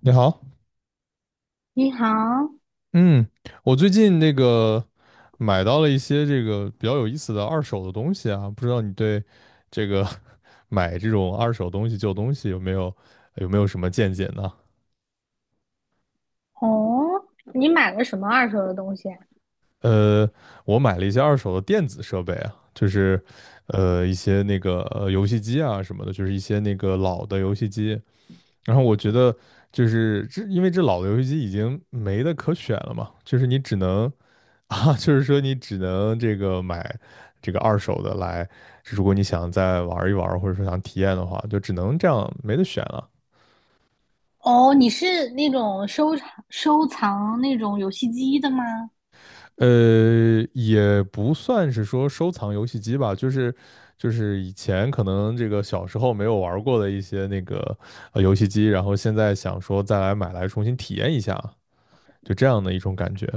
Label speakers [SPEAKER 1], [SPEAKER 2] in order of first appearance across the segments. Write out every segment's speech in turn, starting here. [SPEAKER 1] 你好，
[SPEAKER 2] 你好。
[SPEAKER 1] 嗯，我最近那个买到了一些这个比较有意思的二手的东西啊，不知道你对这个 买这种二手东西、旧东西有没有什么见解呢？
[SPEAKER 2] 哦，你买了什么二手的东西啊？
[SPEAKER 1] 呃，我买了一些二手的电子设备啊，就是一些那个游戏机啊什么的，就是一些那个老的游戏机。然后我觉得就是这，因为这老的游戏机已经没得可选了嘛，就是你只能。啊，就是说你只能这个买这个二手的来，如果你想再玩一玩，或者说想体验的话，就只能这样，没得选了。
[SPEAKER 2] 哦，你是那种收藏那种游戏机的吗？
[SPEAKER 1] 也不算是说收藏游戏机吧，就是以前可能这个小时候没有玩过的一些那个游戏机，然后现在想说再来买来重新体验一下，就这样的一种感觉。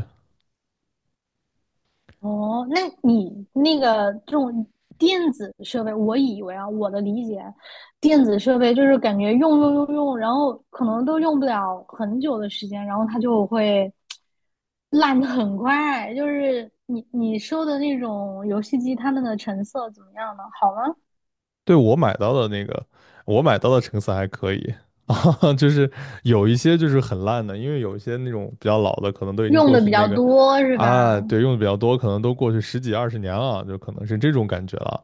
[SPEAKER 2] 哦，那你那个这种电子设备，我以为啊，我的理解，电子设备就是感觉用，然后可能都用不了很久的时间，然后它就会 烂的很快。就是你收的那种游戏机，它们的成色怎么样呢？好吗？
[SPEAKER 1] 对，我买到的那个，我买到的成色还可以 啊，就是有一些就是很烂的，因为有一些那种比较老的，可能都已经
[SPEAKER 2] 用
[SPEAKER 1] 过
[SPEAKER 2] 的
[SPEAKER 1] 去
[SPEAKER 2] 比
[SPEAKER 1] 那
[SPEAKER 2] 较
[SPEAKER 1] 个
[SPEAKER 2] 多是
[SPEAKER 1] 啊，
[SPEAKER 2] 吧？
[SPEAKER 1] 对，用的比较多，可能都过去十几二十年了，就可能是这种感觉了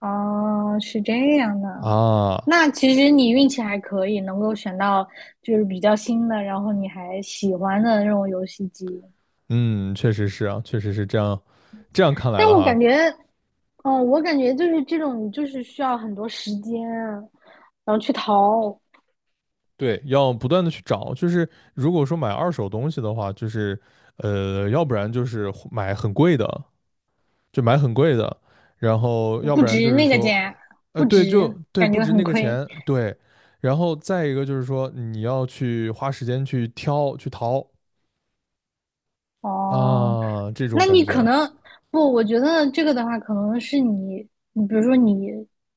[SPEAKER 2] 哦，是这样的。
[SPEAKER 1] 啊。
[SPEAKER 2] 那其实你运气还可以，能够选到就是比较新的，然后你还喜欢的那种游戏机。
[SPEAKER 1] 嗯，确实是啊，确实是这样。这样看来
[SPEAKER 2] 但
[SPEAKER 1] 的
[SPEAKER 2] 我
[SPEAKER 1] 话，
[SPEAKER 2] 感觉，哦，我感觉就是这种，你就是需要很多时间啊然后去淘。
[SPEAKER 1] 对，要不断的去找，就是如果说买二手东西的话，就是要不然就是买很贵的，就买很贵的，然后要
[SPEAKER 2] 不
[SPEAKER 1] 不然就
[SPEAKER 2] 值
[SPEAKER 1] 是
[SPEAKER 2] 那个
[SPEAKER 1] 说，
[SPEAKER 2] 价，不
[SPEAKER 1] 对，
[SPEAKER 2] 值，感
[SPEAKER 1] 不
[SPEAKER 2] 觉
[SPEAKER 1] 值
[SPEAKER 2] 很
[SPEAKER 1] 那个
[SPEAKER 2] 亏。
[SPEAKER 1] 钱，对，然后再一个就是说你要去花时间去挑去淘
[SPEAKER 2] 哦，
[SPEAKER 1] 啊，这种
[SPEAKER 2] 那
[SPEAKER 1] 感
[SPEAKER 2] 你可
[SPEAKER 1] 觉，
[SPEAKER 2] 能不，我觉得这个的话，可能是你，你比如说你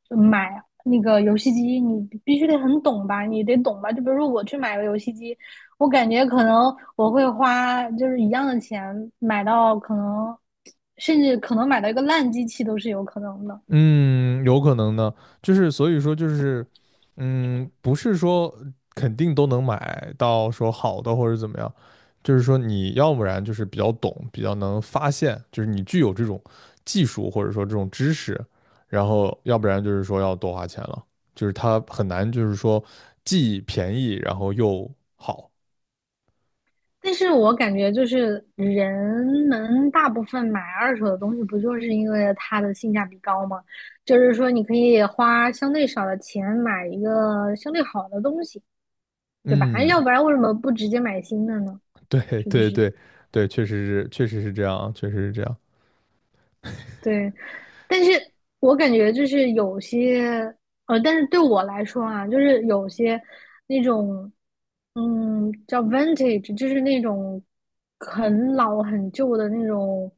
[SPEAKER 2] 买那个游戏机，你必须得很懂吧，你得懂吧。就比如说我去买个游戏机，我感觉可能我会花就是一样的钱买到可能，甚至可能买到一个烂机器都是有可能的。
[SPEAKER 1] 嗯，有可能呢，就是所以说就是，嗯，不是说肯定都能买到说好的或者怎么样，就是说你要不然就是比较懂，比较能发现，就是你具有这种技术或者说这种知识，然后要不然就是说要多花钱了，就是它很难就是说既便宜然后又好。
[SPEAKER 2] 但是我感觉就是人们大部分买二手的东西，不就是因为它的性价比高吗？就是说你可以花相对少的钱买一个相对好的东西，对吧？要
[SPEAKER 1] 嗯，
[SPEAKER 2] 不然为什么不直接买新的呢？
[SPEAKER 1] 对
[SPEAKER 2] 是不
[SPEAKER 1] 对
[SPEAKER 2] 是？
[SPEAKER 1] 对对。确实是确实是这样啊，确实是这样。
[SPEAKER 2] 对，但是我感觉就是有些，但是对我来说啊，就是有些那种，叫 vintage，就是那种很老很旧的那种，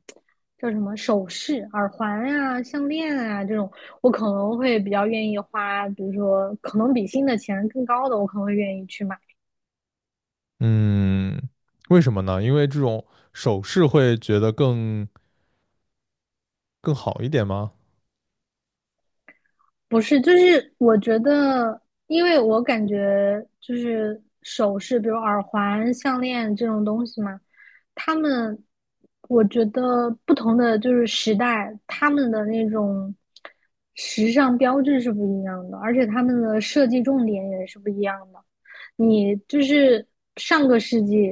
[SPEAKER 2] 叫什么首饰、耳环呀、项链啊这种，我可能会比较愿意花，比如说可能比新的钱更高的，我可能会愿意去买。
[SPEAKER 1] 嗯，为什么呢？因为这种首饰会觉得更好一点吗？
[SPEAKER 2] 不是，就是我觉得，因为我感觉就是首饰，比如耳环、项链这种东西嘛，他们，我觉得不同的就是时代，他们的那种时尚标志是不一样的，而且他们的设计重点也是不一样的。你就是上个世纪，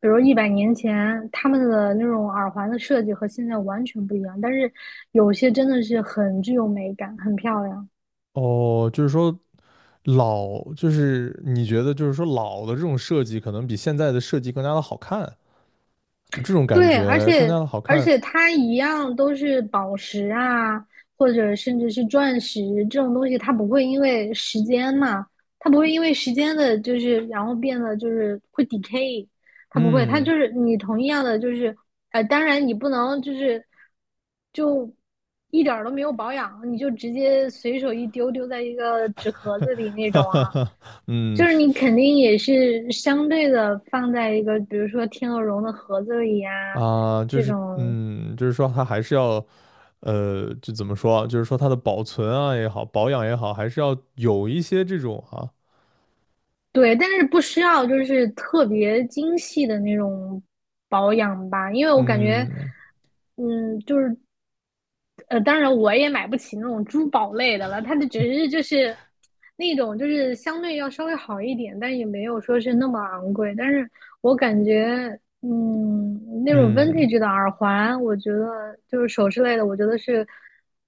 [SPEAKER 2] 比如100年前，他们的那种耳环的设计和现在完全不一样，但是有些真的是很具有美感，很漂亮。
[SPEAKER 1] 哦，就是说老，就是你觉得就是说老的这种设计可能比现在的设计更加的好看，就这种感
[SPEAKER 2] 对，而
[SPEAKER 1] 觉更加
[SPEAKER 2] 且
[SPEAKER 1] 的好
[SPEAKER 2] 而
[SPEAKER 1] 看。
[SPEAKER 2] 且它一样都是宝石啊，或者甚至是钻石这种东西，它不会因为时间嘛，它不会因为时间的，就是然后变得就是会 decay，它不会，它
[SPEAKER 1] 嗯，
[SPEAKER 2] 就是你同样的就是，当然你不能就是就一点儿都没有保养，你就直接随手一丢丢在一个纸盒子 里那
[SPEAKER 1] 哈
[SPEAKER 2] 种
[SPEAKER 1] 哈
[SPEAKER 2] 啊，
[SPEAKER 1] 哈，嗯
[SPEAKER 2] 就是你肯定也是相对的放在一个，比如说天鹅绒的盒子里呀、
[SPEAKER 1] 啊，就
[SPEAKER 2] 这
[SPEAKER 1] 是
[SPEAKER 2] 种。
[SPEAKER 1] 嗯，就是说它还是要，就怎么说啊，就是说它的保存啊也好，保养也好，还是要有一些这种啊，
[SPEAKER 2] 对，但是不需要就是特别精细的那种保养吧，因为我感觉，
[SPEAKER 1] 嗯
[SPEAKER 2] 就是当然我也买不起那种珠宝类的了，它的只是就是那种就是相对要稍微好一点，但也没有说是那么昂贵。但是我感觉，那种
[SPEAKER 1] 嗯
[SPEAKER 2] vintage 的耳环，我觉得就是首饰类的，我觉得是，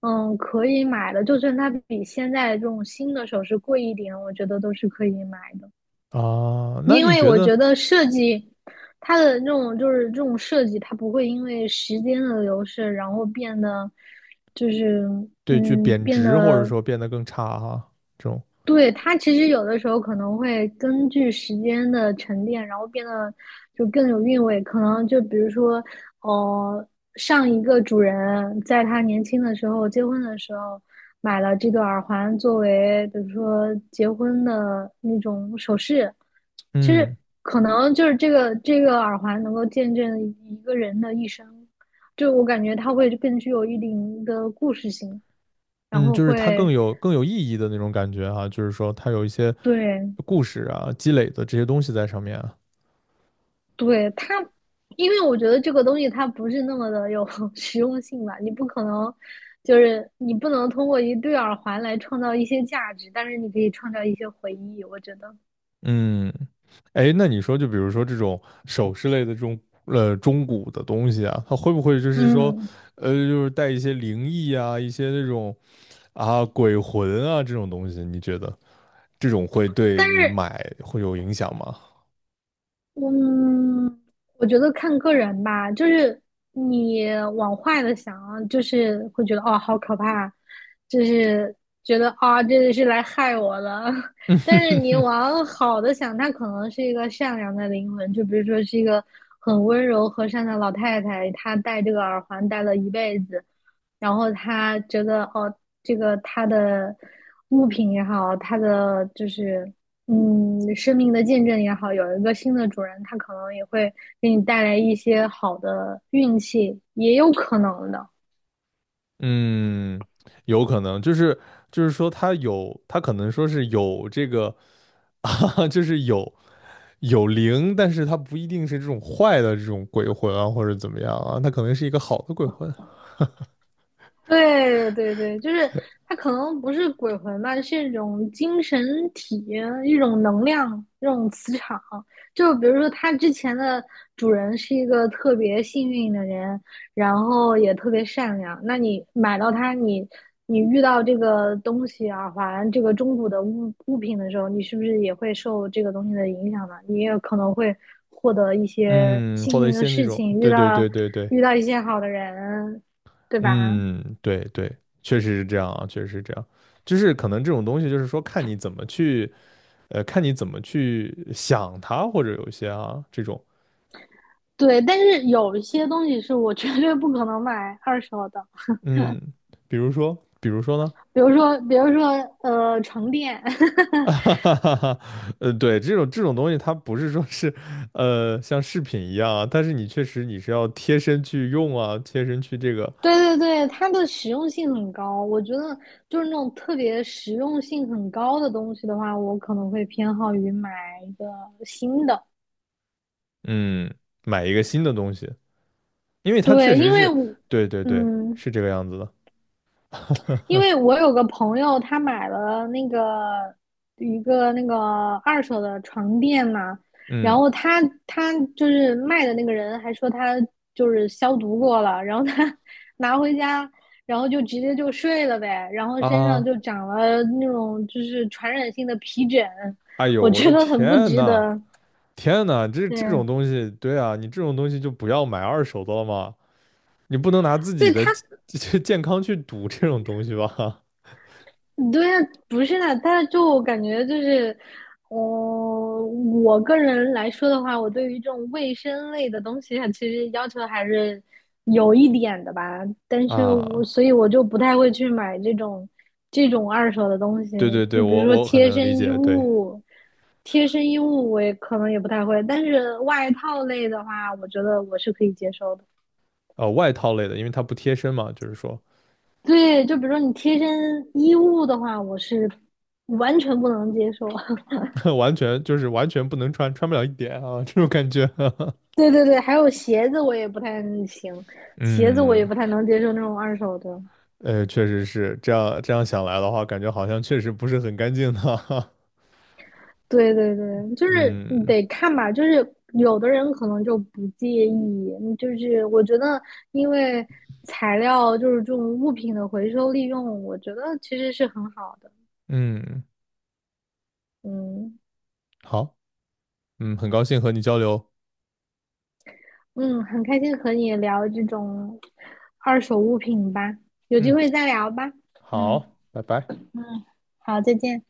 [SPEAKER 2] 可以买的。就算它比现在这种新的首饰贵一点，我觉得都是可以买的。
[SPEAKER 1] 啊，那
[SPEAKER 2] 因
[SPEAKER 1] 你
[SPEAKER 2] 为
[SPEAKER 1] 觉
[SPEAKER 2] 我
[SPEAKER 1] 得
[SPEAKER 2] 觉得设计它的这种就是这种设计，它不会因为时间的流逝，然后变得就是
[SPEAKER 1] 对，就贬
[SPEAKER 2] 变
[SPEAKER 1] 值或者
[SPEAKER 2] 得。
[SPEAKER 1] 说变得更差哈，这种，
[SPEAKER 2] 对，它其实有的时候可能会根据时间的沉淀，然后变得就更有韵味。可能就比如说，呃，上一个主人在他年轻的时候结婚的时候买了这个耳环作为，比如说结婚的那种首饰。其
[SPEAKER 1] 嗯
[SPEAKER 2] 实可能就是这个耳环能够见证一个人的一生，就我感觉它会更具有一定的故事性，然
[SPEAKER 1] 嗯，
[SPEAKER 2] 后
[SPEAKER 1] 就是它更
[SPEAKER 2] 会。
[SPEAKER 1] 有更有意义的那种感觉哈，就是说它有一些
[SPEAKER 2] 对，
[SPEAKER 1] 故事啊，积累的这些东西在上面啊，
[SPEAKER 2] 对它，因为我觉得这个东西它不是那么的有 实用性吧，你不可能，就是你不能通过一对耳环来创造一些价值，但是你可以创造一些回忆，我觉得，
[SPEAKER 1] 嗯，哎，那你说就比如说这种首饰类的这种中古的东西啊，它会不会就是说，
[SPEAKER 2] 嗯，
[SPEAKER 1] 就是带一些灵异啊，一些那种啊鬼魂啊这种东西，你觉得这种会
[SPEAKER 2] 但
[SPEAKER 1] 对你
[SPEAKER 2] 是
[SPEAKER 1] 买会有影响吗？
[SPEAKER 2] 嗯，我觉得看个人吧，就是你往坏的想，就是会觉得哦，好可怕，就是觉得啊，这是来害我的。但是你 往好的想，她可能是一个善良的灵魂，就比如说是一个很温柔和善的老太太，她戴这个耳环戴了一辈子，然后她觉得哦，这个她的物品也好，她的就是生命的见证也好，有一个新的主人，他可能也会给你带来一些好的运气，也有可能的。
[SPEAKER 1] 嗯，有可能，就是就是说他有，他可能说是有这个 啊，就是有灵，但是他不一定是这种坏的这种鬼魂啊，或者怎么样啊，他可能是一个好的鬼魂，
[SPEAKER 2] 对对对，就是它可能不是鬼魂吧，是一种精神体、一种能量、一种磁场。就比如说，它之前的主人是一个特别幸运的人，然后也特别善良。那你买到它，你遇到这个东西耳环、这个中古的物品的时候，你是不是也会受这个东西的影响呢？你也可能会获得一些
[SPEAKER 1] 嗯，或
[SPEAKER 2] 幸
[SPEAKER 1] 者一
[SPEAKER 2] 运的
[SPEAKER 1] 些那
[SPEAKER 2] 事
[SPEAKER 1] 种，
[SPEAKER 2] 情，遇
[SPEAKER 1] 对对
[SPEAKER 2] 到
[SPEAKER 1] 对对对，
[SPEAKER 2] 一些好的人，对吧？
[SPEAKER 1] 嗯，对对，确实是这样啊，确实是这样，就是可能这种东西就是说看你怎么去，看你怎么去想它，或者有一些啊这种，
[SPEAKER 2] 对，但是有一些东西是我绝对不可能买二手的，
[SPEAKER 1] 嗯，比如说，比如说呢？
[SPEAKER 2] 比如说，比如说，床垫。
[SPEAKER 1] 哈，哈哈哈，对，这种这种东西，它不是说是，像饰品一样啊，但是你确实你是要贴身去用啊，贴身去这个，
[SPEAKER 2] 对对对，它的实用性很高，我觉得就是那种特别实用性很高的东西的话，我可能会偏好于买一个新的。
[SPEAKER 1] 嗯，买一个新的东西，因为它确
[SPEAKER 2] 对，因
[SPEAKER 1] 实
[SPEAKER 2] 为
[SPEAKER 1] 是，
[SPEAKER 2] 我，
[SPEAKER 1] 对对对，
[SPEAKER 2] 嗯，
[SPEAKER 1] 是这个样子的，
[SPEAKER 2] 因为 我有个朋友，他买了那个一个那个二手的床垫嘛，然
[SPEAKER 1] 嗯
[SPEAKER 2] 后他就是卖的那个人还说他就是消毒过了，然后他 拿回家，然后就直接就睡了呗，然后身上
[SPEAKER 1] 啊，
[SPEAKER 2] 就长了那种就是传染性的皮疹，
[SPEAKER 1] 哎呦，
[SPEAKER 2] 我
[SPEAKER 1] 我
[SPEAKER 2] 觉
[SPEAKER 1] 的
[SPEAKER 2] 得很不
[SPEAKER 1] 天
[SPEAKER 2] 值
[SPEAKER 1] 呐，
[SPEAKER 2] 得。
[SPEAKER 1] 天呐，这
[SPEAKER 2] 对，
[SPEAKER 1] 这种东西，对啊，你这种东西就不要买二手的了嘛，你不能拿自己
[SPEAKER 2] 对
[SPEAKER 1] 的
[SPEAKER 2] 他，
[SPEAKER 1] 健康去赌这种东西吧？
[SPEAKER 2] 对呀，不是的，他就我感觉就是，我个人来说的话，我对于这种卫生类的东西啊，其实要求还是有一点的吧。但 是我
[SPEAKER 1] 啊，
[SPEAKER 2] 所以我就不太会去买这种二手的东西，
[SPEAKER 1] 对对对，
[SPEAKER 2] 就比
[SPEAKER 1] 我
[SPEAKER 2] 如说
[SPEAKER 1] 很
[SPEAKER 2] 贴
[SPEAKER 1] 能理
[SPEAKER 2] 身衣
[SPEAKER 1] 解，对。
[SPEAKER 2] 物，贴身衣物我也可能也不太会，但是外套类的话，我觉得我是可以接受的。
[SPEAKER 1] 呃外套类的，因为它不贴身嘛，就是说
[SPEAKER 2] 对，就比如说你贴身衣物的话，我是完全不能接受。
[SPEAKER 1] 完全不能穿，穿不了一点啊，这种感觉。
[SPEAKER 2] 对对对，还有鞋子我也不太行，鞋子我也
[SPEAKER 1] 嗯，
[SPEAKER 2] 不太能接受那种二手的。
[SPEAKER 1] 确实是这样。这样想来的话，感觉好像确实不是很干净的。
[SPEAKER 2] 对对 对，就是你
[SPEAKER 1] 嗯
[SPEAKER 2] 得看吧，就是有的人可能就不介意，就是我觉得因为材料就是这种物品的回收利用，我觉得其实是很好的。
[SPEAKER 1] 嗯，
[SPEAKER 2] 嗯
[SPEAKER 1] 好，嗯，很高兴和你交流。
[SPEAKER 2] 嗯，很开心和你聊这种二手物品吧，有机
[SPEAKER 1] 嗯，
[SPEAKER 2] 会再聊吧。嗯，
[SPEAKER 1] 好，拜拜。
[SPEAKER 2] 好，再见。